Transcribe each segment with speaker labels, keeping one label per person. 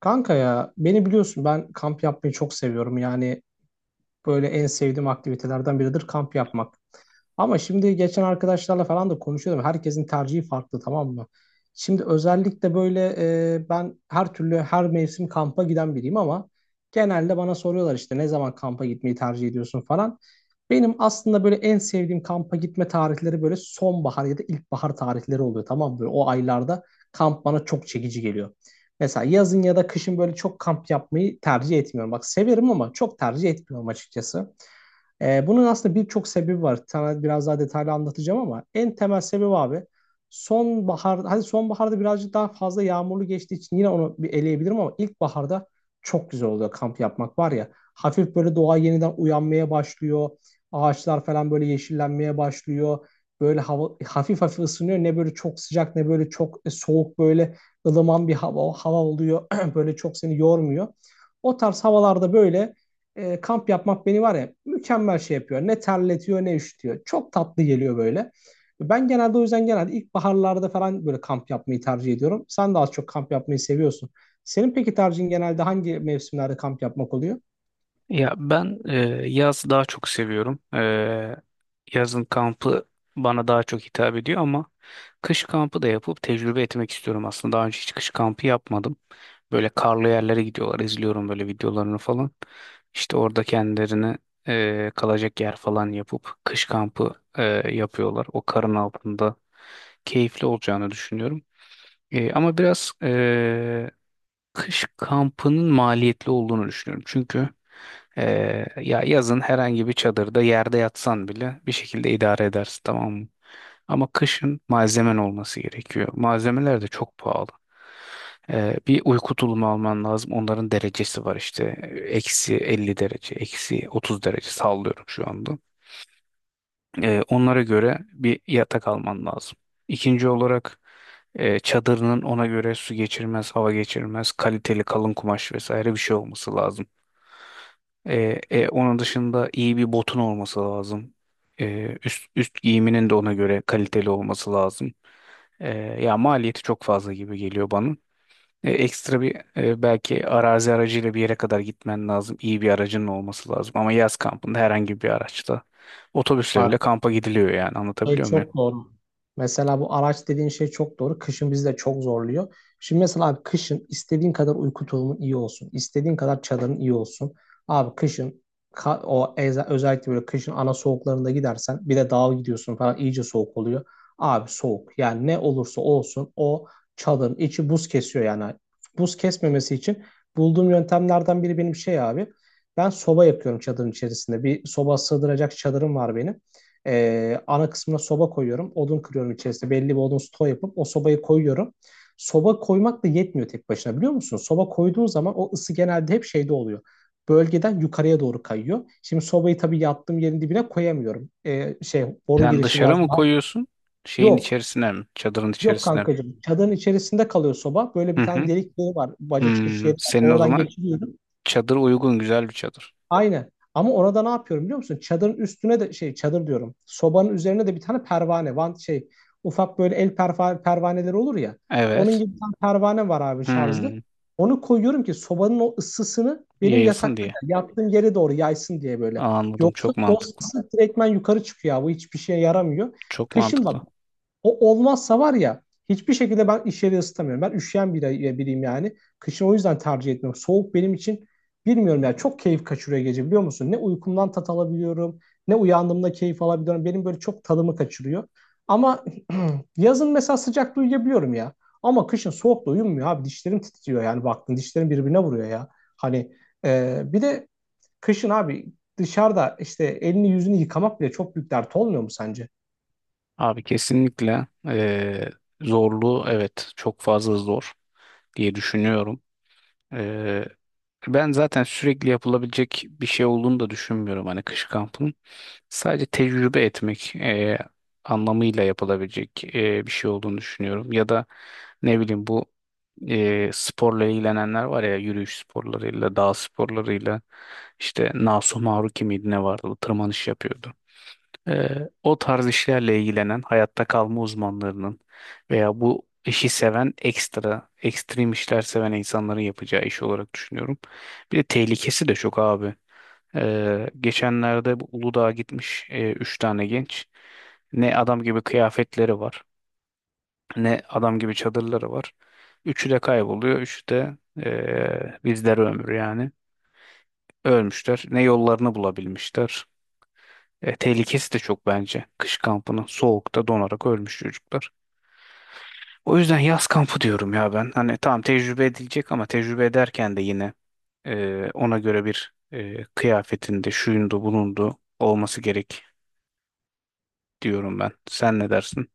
Speaker 1: Kanka ya beni biliyorsun ben kamp yapmayı çok seviyorum. Yani böyle en sevdiğim aktivitelerden biridir kamp yapmak. Ama şimdi geçen arkadaşlarla falan da konuşuyordum. Herkesin tercihi farklı, tamam mı? Şimdi özellikle böyle ben her türlü her mevsim kampa giden biriyim ama genelde bana soruyorlar işte ne zaman kampa gitmeyi tercih ediyorsun falan. Benim aslında böyle en sevdiğim kampa gitme tarihleri böyle sonbahar ya da ilkbahar tarihleri oluyor, tamam mı? Böyle o aylarda kamp bana çok çekici geliyor. Mesela yazın ya da kışın böyle çok kamp yapmayı tercih etmiyorum. Bak severim ama çok tercih etmiyorum açıkçası. Bunun aslında birçok sebebi var. Sana biraz daha detaylı anlatacağım ama en temel sebebi abi sonbahar, hadi sonbaharda birazcık daha fazla yağmurlu geçtiği için yine onu bir eleyebilirim ama ilkbaharda çok güzel oluyor kamp yapmak var ya. Hafif böyle doğa yeniden uyanmaya başlıyor. Ağaçlar falan böyle yeşillenmeye başlıyor. Böyle hava hafif hafif ısınıyor. Ne böyle çok sıcak ne böyle çok soğuk, böyle ılıman bir hava oluyor. Böyle çok seni yormuyor. O tarz havalarda böyle kamp yapmak beni var ya mükemmel şey yapıyor. Ne terletiyor ne üşütüyor. Çok tatlı geliyor böyle. Ben genelde o yüzden genelde ilkbaharlarda falan böyle kamp yapmayı tercih ediyorum. Sen de az çok kamp yapmayı seviyorsun. Senin peki tercihin genelde hangi mevsimlerde kamp yapmak oluyor?
Speaker 2: Ya ben e, yaz daha çok seviyorum. Yazın kampı bana daha çok hitap ediyor ama kış kampı da yapıp tecrübe etmek istiyorum aslında. Daha önce hiç kış kampı yapmadım. Böyle karlı yerlere gidiyorlar. İzliyorum böyle videolarını falan. İşte orada kendilerine kalacak yer falan yapıp kış kampı yapıyorlar. O karın altında keyifli olacağını düşünüyorum. Ama biraz kış kampının maliyetli olduğunu düşünüyorum. Çünkü ya yazın herhangi bir çadırda yerde yatsan bile bir şekilde idare edersin, tamam mı? Ama kışın malzemen olması gerekiyor. Malzemeler de çok pahalı. Bir uyku tulumu alman lazım. Onların derecesi var işte. Eksi 50 derece, eksi 30 derece sallıyorum şu anda. Onlara göre bir yatak alman lazım. İkinci olarak çadırının ona göre su geçirmez, hava geçirmez, kaliteli kalın kumaş vesaire bir şey olması lazım. Onun dışında iyi bir botun olması lazım. Üst giyiminin de ona göre kaliteli olması lazım. E, Ya maliyeti çok fazla gibi geliyor bana. Ekstra bir belki arazi aracıyla bir yere kadar gitmen lazım. İyi bir aracın olması lazım. Ama yaz kampında herhangi bir araçta, otobüsle
Speaker 1: Aa,
Speaker 2: bile kampa gidiliyor, yani
Speaker 1: şey
Speaker 2: anlatabiliyor muyum?
Speaker 1: çok doğru. Mesela bu araç dediğin şey çok doğru. Kışın bizi de çok zorluyor. Şimdi mesela abi kışın istediğin kadar uyku tulumun iyi olsun, istediğin kadar çadırın iyi olsun. Abi kışın özellikle böyle kışın ana soğuklarında gidersen bir de dağa gidiyorsun falan iyice soğuk oluyor. Abi soğuk. Yani ne olursa olsun o çadırın içi buz kesiyor yani. Buz kesmemesi için bulduğum yöntemlerden biri benim şey abi. Ben soba yapıyorum çadırın içerisinde. Bir soba sığdıracak çadırım var benim. Ana kısmına soba koyuyorum. Odun kırıyorum içerisinde. Belli bir odun stoğu yapıp o sobayı koyuyorum. Soba koymak da yetmiyor tek başına, biliyor musun? Soba koyduğun zaman o ısı genelde hep şeyde oluyor. Bölgeden yukarıya doğru kayıyor. Şimdi sobayı tabii yattığım yerin dibine koyamıyorum. Şey boru
Speaker 2: Sen
Speaker 1: girişi
Speaker 2: dışarı mı
Speaker 1: biraz daha.
Speaker 2: koyuyorsun? Şeyin
Speaker 1: Yok.
Speaker 2: içerisine mi? Çadırın
Speaker 1: Yok
Speaker 2: içerisine mi?
Speaker 1: kankacığım. Çadırın içerisinde kalıyor soba. Böyle
Speaker 2: Hı
Speaker 1: bir tane
Speaker 2: hı.
Speaker 1: delik boru var. Baca çıkış yeri
Speaker 2: Hmm.
Speaker 1: var.
Speaker 2: Senin o
Speaker 1: Oradan
Speaker 2: zaman
Speaker 1: geçiriyorum.
Speaker 2: çadır uygun, güzel bir çadır.
Speaker 1: Aynen. Ama orada ne yapıyorum biliyor musun? Çadırın üstüne de şey çadır diyorum. Sobanın üzerine de bir tane pervane. Van şey ufak böyle el pervaneleri olur ya. Onun
Speaker 2: Evet.
Speaker 1: gibi bir tane pervane var abi şarjlı.
Speaker 2: Hmm.
Speaker 1: Onu koyuyorum ki sobanın o ısısını benim
Speaker 2: Yayılsın
Speaker 1: yatakta
Speaker 2: diye.
Speaker 1: yattığım yere doğru yaysın diye böyle.
Speaker 2: Anladım.
Speaker 1: Yoksa
Speaker 2: Çok
Speaker 1: o
Speaker 2: mantıklı.
Speaker 1: ısı direktmen yukarı çıkıyor abi. Bu hiçbir şeye yaramıyor.
Speaker 2: Çok
Speaker 1: Kışın
Speaker 2: mantıklı.
Speaker 1: bak o olmazsa var ya hiçbir şekilde ben iş yeri ısıtamıyorum. Ben üşüyen biriyim yani. Kışın o yüzden tercih etmiyorum. Soğuk benim için bilmiyorum yani çok keyif kaçırıyor gece, biliyor musun? Ne uykumdan tat alabiliyorum ne uyandığımda keyif alabiliyorum. Benim böyle çok tadımı kaçırıyor. Ama yazın mesela sıcakta uyuyabiliyorum ya. Ama kışın soğukta uyumuyor abi. Dişlerim titriyor yani baktın dişlerim birbirine vuruyor ya. Hani bir de kışın abi dışarıda işte elini yüzünü yıkamak bile çok büyük dert olmuyor mu sence?
Speaker 2: Abi kesinlikle zorluğu, evet, çok fazla zor diye düşünüyorum. Ben zaten sürekli yapılabilecek bir şey olduğunu da düşünmüyorum, hani kış kampının. Sadece tecrübe etmek anlamıyla yapılabilecek bir şey olduğunu düşünüyorum. Ya da ne bileyim, bu sporla ilgilenenler var ya, yürüyüş sporlarıyla, dağ sporlarıyla, işte Nasu Maruki miydi ne vardı, bu tırmanış yapıyordu. O tarz işlerle ilgilenen hayatta kalma uzmanlarının veya bu işi seven ekstrem işler seven insanların yapacağı iş olarak düşünüyorum. Bir de tehlikesi de çok abi. Geçenlerde bu Uludağ'a gitmiş üç tane genç. Ne adam gibi kıyafetleri var, ne adam gibi çadırları var. Üçü de kayboluyor, üçü de bizlere ömür yani. Ölmüşler. Ne yollarını bulabilmişler. Tehlikesi de çok bence. Kış kampının soğukta donarak ölmüş çocuklar. O yüzden yaz kampı diyorum ya ben. Hani tamam, tecrübe edilecek ama tecrübe ederken de yine ona göre bir kıyafetinde şuyundu bulundu olması gerek diyorum ben. Sen ne dersin?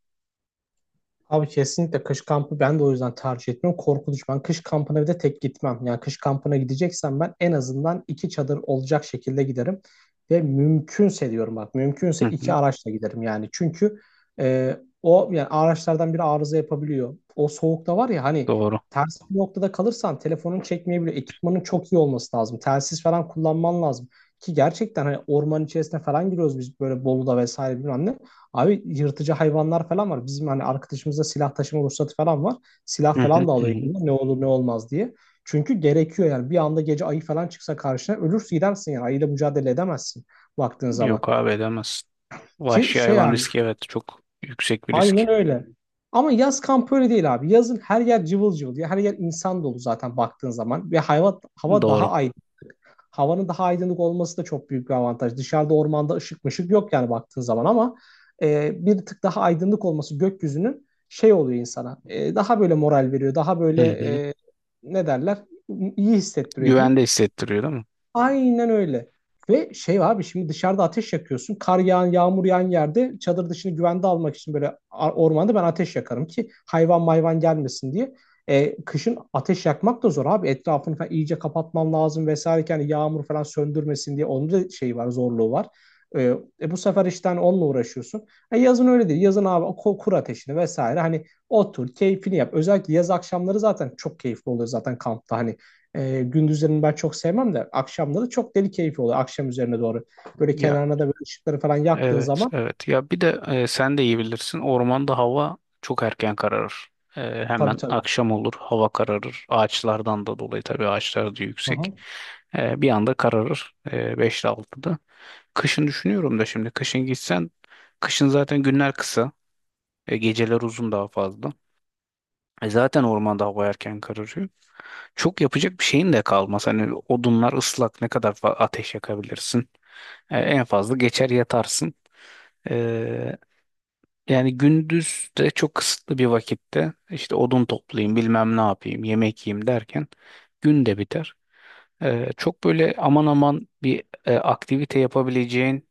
Speaker 1: Abi kesinlikle kış kampı ben de o yüzden tercih etmiyorum. Korkunç. Ben kış kampına bir de tek gitmem. Yani kış kampına gideceksem ben en azından iki çadır olacak şekilde giderim. Ve mümkünse diyorum bak
Speaker 2: Hı
Speaker 1: mümkünse iki
Speaker 2: hı,
Speaker 1: araçla giderim yani. Çünkü e, o yani araçlardan biri arıza yapabiliyor. O soğukta var ya hani
Speaker 2: doğru.
Speaker 1: ters bir noktada kalırsan telefonun çekmeyebiliyor. Ekipmanın çok iyi olması lazım. Telsiz falan kullanman lazım. Ki gerçekten hani orman içerisine falan giriyoruz biz böyle Bolu'da vesaire bilmem ne. Abi yırtıcı hayvanlar falan var. Bizim hani arkadaşımızda silah taşıma ruhsatı falan var.
Speaker 2: Hı
Speaker 1: Silah
Speaker 2: hı,
Speaker 1: falan da
Speaker 2: hı
Speaker 1: alıyor
Speaker 2: hı.
Speaker 1: yanına ne olur ne olmaz diye. Çünkü gerekiyor yani bir anda gece ayı falan çıksa karşına ölürsün gidersin yani ayıyla mücadele edemezsin baktığın
Speaker 2: Yok
Speaker 1: zaman.
Speaker 2: abi, edemezsin.
Speaker 1: Ki
Speaker 2: Vahşi
Speaker 1: şey
Speaker 2: hayvan
Speaker 1: abi
Speaker 2: riski, evet, çok yüksek bir risk.
Speaker 1: aynen öyle. Ama yaz kampı öyle değil abi. Yazın her yer cıvıl cıvıl diye her yer insan dolu zaten baktığın zaman. Ve hava daha
Speaker 2: Doğru.
Speaker 1: aydın. Havanın daha aydınlık olması da çok büyük bir avantaj. Dışarıda ormanda ışık mışık yok yani baktığın zaman ama bir tık daha aydınlık olması gökyüzünün şey oluyor insana. E, daha böyle moral veriyor. Daha
Speaker 2: Hı
Speaker 1: böyle
Speaker 2: hı.
Speaker 1: e, ne derler? İyi hissettiriyor diyeyim.
Speaker 2: Güvende hissettiriyor, değil mi?
Speaker 1: Aynen öyle. Ve şey abi şimdi dışarıda ateş yakıyorsun. Kar yağan, yağmur yağan yerde çadır dışını güvende almak için böyle ormanda ben ateş yakarım ki hayvan mayvan gelmesin diye. E, kışın ateş yakmak da zor abi. Etrafını falan iyice kapatman lazım vesaire. Ki yani yağmur falan söndürmesin diye onun da şeyi var, zorluğu var. E, Bu sefer işte hani onunla uğraşıyorsun. E, yazın öyle değil. Yazın abi kur ateşini vesaire. Hani otur, keyfini yap. Özellikle yaz akşamları zaten çok keyifli oluyor zaten kampta. Hani gündüzlerini ben çok sevmem de akşamları çok deli keyfi oluyor akşam üzerine doğru. Böyle
Speaker 2: Ya,
Speaker 1: kenarına da böyle ışıkları falan yaktığın
Speaker 2: evet,
Speaker 1: zaman
Speaker 2: evet. Ya bir de sen de iyi bilirsin. Ormanda hava çok erken kararır.
Speaker 1: tabii,
Speaker 2: Hemen
Speaker 1: tabii.
Speaker 2: akşam olur, hava kararır. Ağaçlardan da dolayı, tabii ağaçlar da
Speaker 1: Hı
Speaker 2: yüksek.
Speaker 1: hı.
Speaker 2: Bir anda kararır. 5 ile 6'da. Kışın düşünüyorum da şimdi. Kışın gitsen, kışın zaten günler kısa. Geceler uzun daha fazla. Zaten ormanda hava erken kararıyor. Çok yapacak bir şeyin de kalmaz. Hani odunlar ıslak, ne kadar ateş yakabilirsin. En fazla geçer yatarsın. E, Yani gündüz de çok kısıtlı bir vakitte işte odun toplayayım, bilmem ne yapayım, yemek yiyeyim derken gün de biter. Çok böyle aman aman bir aktivite yapabileceğin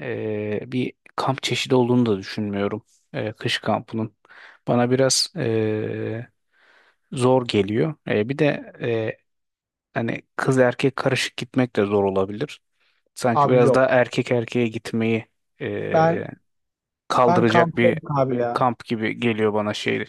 Speaker 2: bir kamp çeşidi olduğunu da düşünmüyorum, kış kampının. Bana biraz zor geliyor. Bir de hani kız erkek karışık gitmek de zor olabilir. Sanki
Speaker 1: Abi
Speaker 2: biraz
Speaker 1: yok.
Speaker 2: daha erkek erkeğe gitmeyi e,
Speaker 1: Ben ben
Speaker 2: kaldıracak bir
Speaker 1: kamptayım abi ya.
Speaker 2: kamp gibi geliyor bana şey.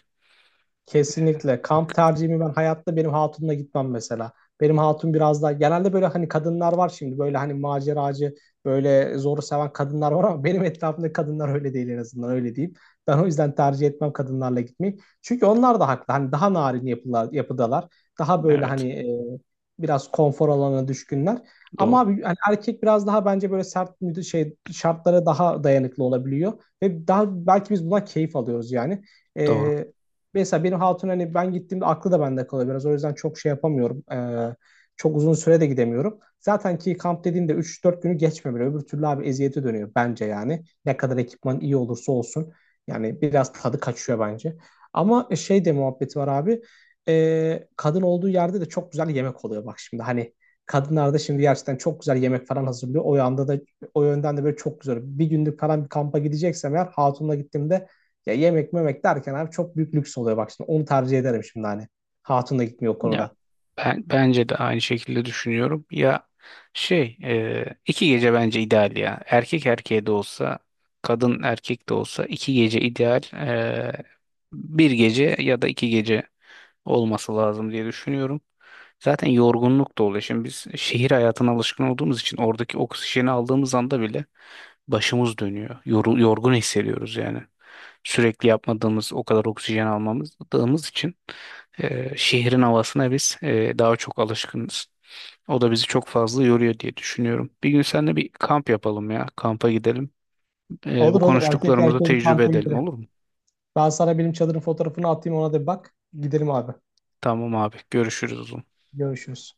Speaker 1: Kesinlikle. Kamp tercihimi ben hayatta benim hatunla gitmem mesela. Benim hatun biraz daha genelde böyle hani kadınlar var şimdi böyle hani maceracı böyle zoru seven kadınlar var ama benim etrafımda kadınlar öyle değil, en azından öyle diyeyim. Ben o yüzden tercih etmem kadınlarla gitmeyi. Çünkü onlar da haklı. Hani daha narin yapılar, yapıdalar. Daha böyle
Speaker 2: Evet,
Speaker 1: hani biraz konfor alanına düşkünler. Ama
Speaker 2: doğru,
Speaker 1: abi hani erkek biraz daha bence böyle sert şey şartlara daha dayanıklı olabiliyor ve daha belki biz bundan keyif alıyoruz yani.
Speaker 2: doğru.
Speaker 1: E, Mesela benim hatun hani ben gittiğimde aklı da bende kalıyor biraz. O yüzden çok şey yapamıyorum. Çok uzun süre de gidemiyorum. Zaten ki kamp dediğinde 3-4 günü geçmiyor bile. Öbür türlü abi eziyete dönüyor bence yani. Ne kadar ekipman iyi olursa olsun. Yani biraz tadı kaçıyor bence. Ama şey de muhabbeti var abi. Kadın olduğu yerde de çok güzel yemek oluyor bak şimdi. Hani kadınlar da şimdi gerçekten çok güzel yemek falan hazırlıyor. O yanda da o yönden de böyle çok güzel. Bir günlük falan bir kampa gideceksem eğer hatunla gittiğimde ya yemek memek derken abi çok büyük lüks oluyor bak şimdi. Onu tercih ederim şimdi hani. Hatun da gitmiyor o
Speaker 2: Ya
Speaker 1: konuda.
Speaker 2: ben bence de aynı şekilde düşünüyorum. Ya şey, iki gece bence ideal ya. Erkek erkeğe de olsa, kadın erkek de olsa iki gece ideal. Bir gece ya da iki gece olması lazım diye düşünüyorum. Zaten yorgunluk da oluyor. Şimdi biz şehir hayatına alışkın olduğumuz için oradaki oksijeni aldığımız anda bile başımız dönüyor. Yorgun hissediyoruz yani. Sürekli yapmadığımız, o kadar oksijen almadığımız için şehrin havasına biz daha çok alışkınız. O da bizi çok fazla yoruyor diye düşünüyorum. Bir gün seninle bir kamp yapalım ya. Kampa gidelim. Bu
Speaker 1: Olur olur, erkek
Speaker 2: konuştuklarımızı
Speaker 1: erkeğe bir
Speaker 2: tecrübe
Speaker 1: kampa
Speaker 2: edelim,
Speaker 1: gidelim.
Speaker 2: olur mu?
Speaker 1: Ben sana benim çadırın fotoğrafını atayım, ona da bir bak. Gidelim abi.
Speaker 2: Tamam abi. Görüşürüz o zaman.
Speaker 1: Görüşürüz.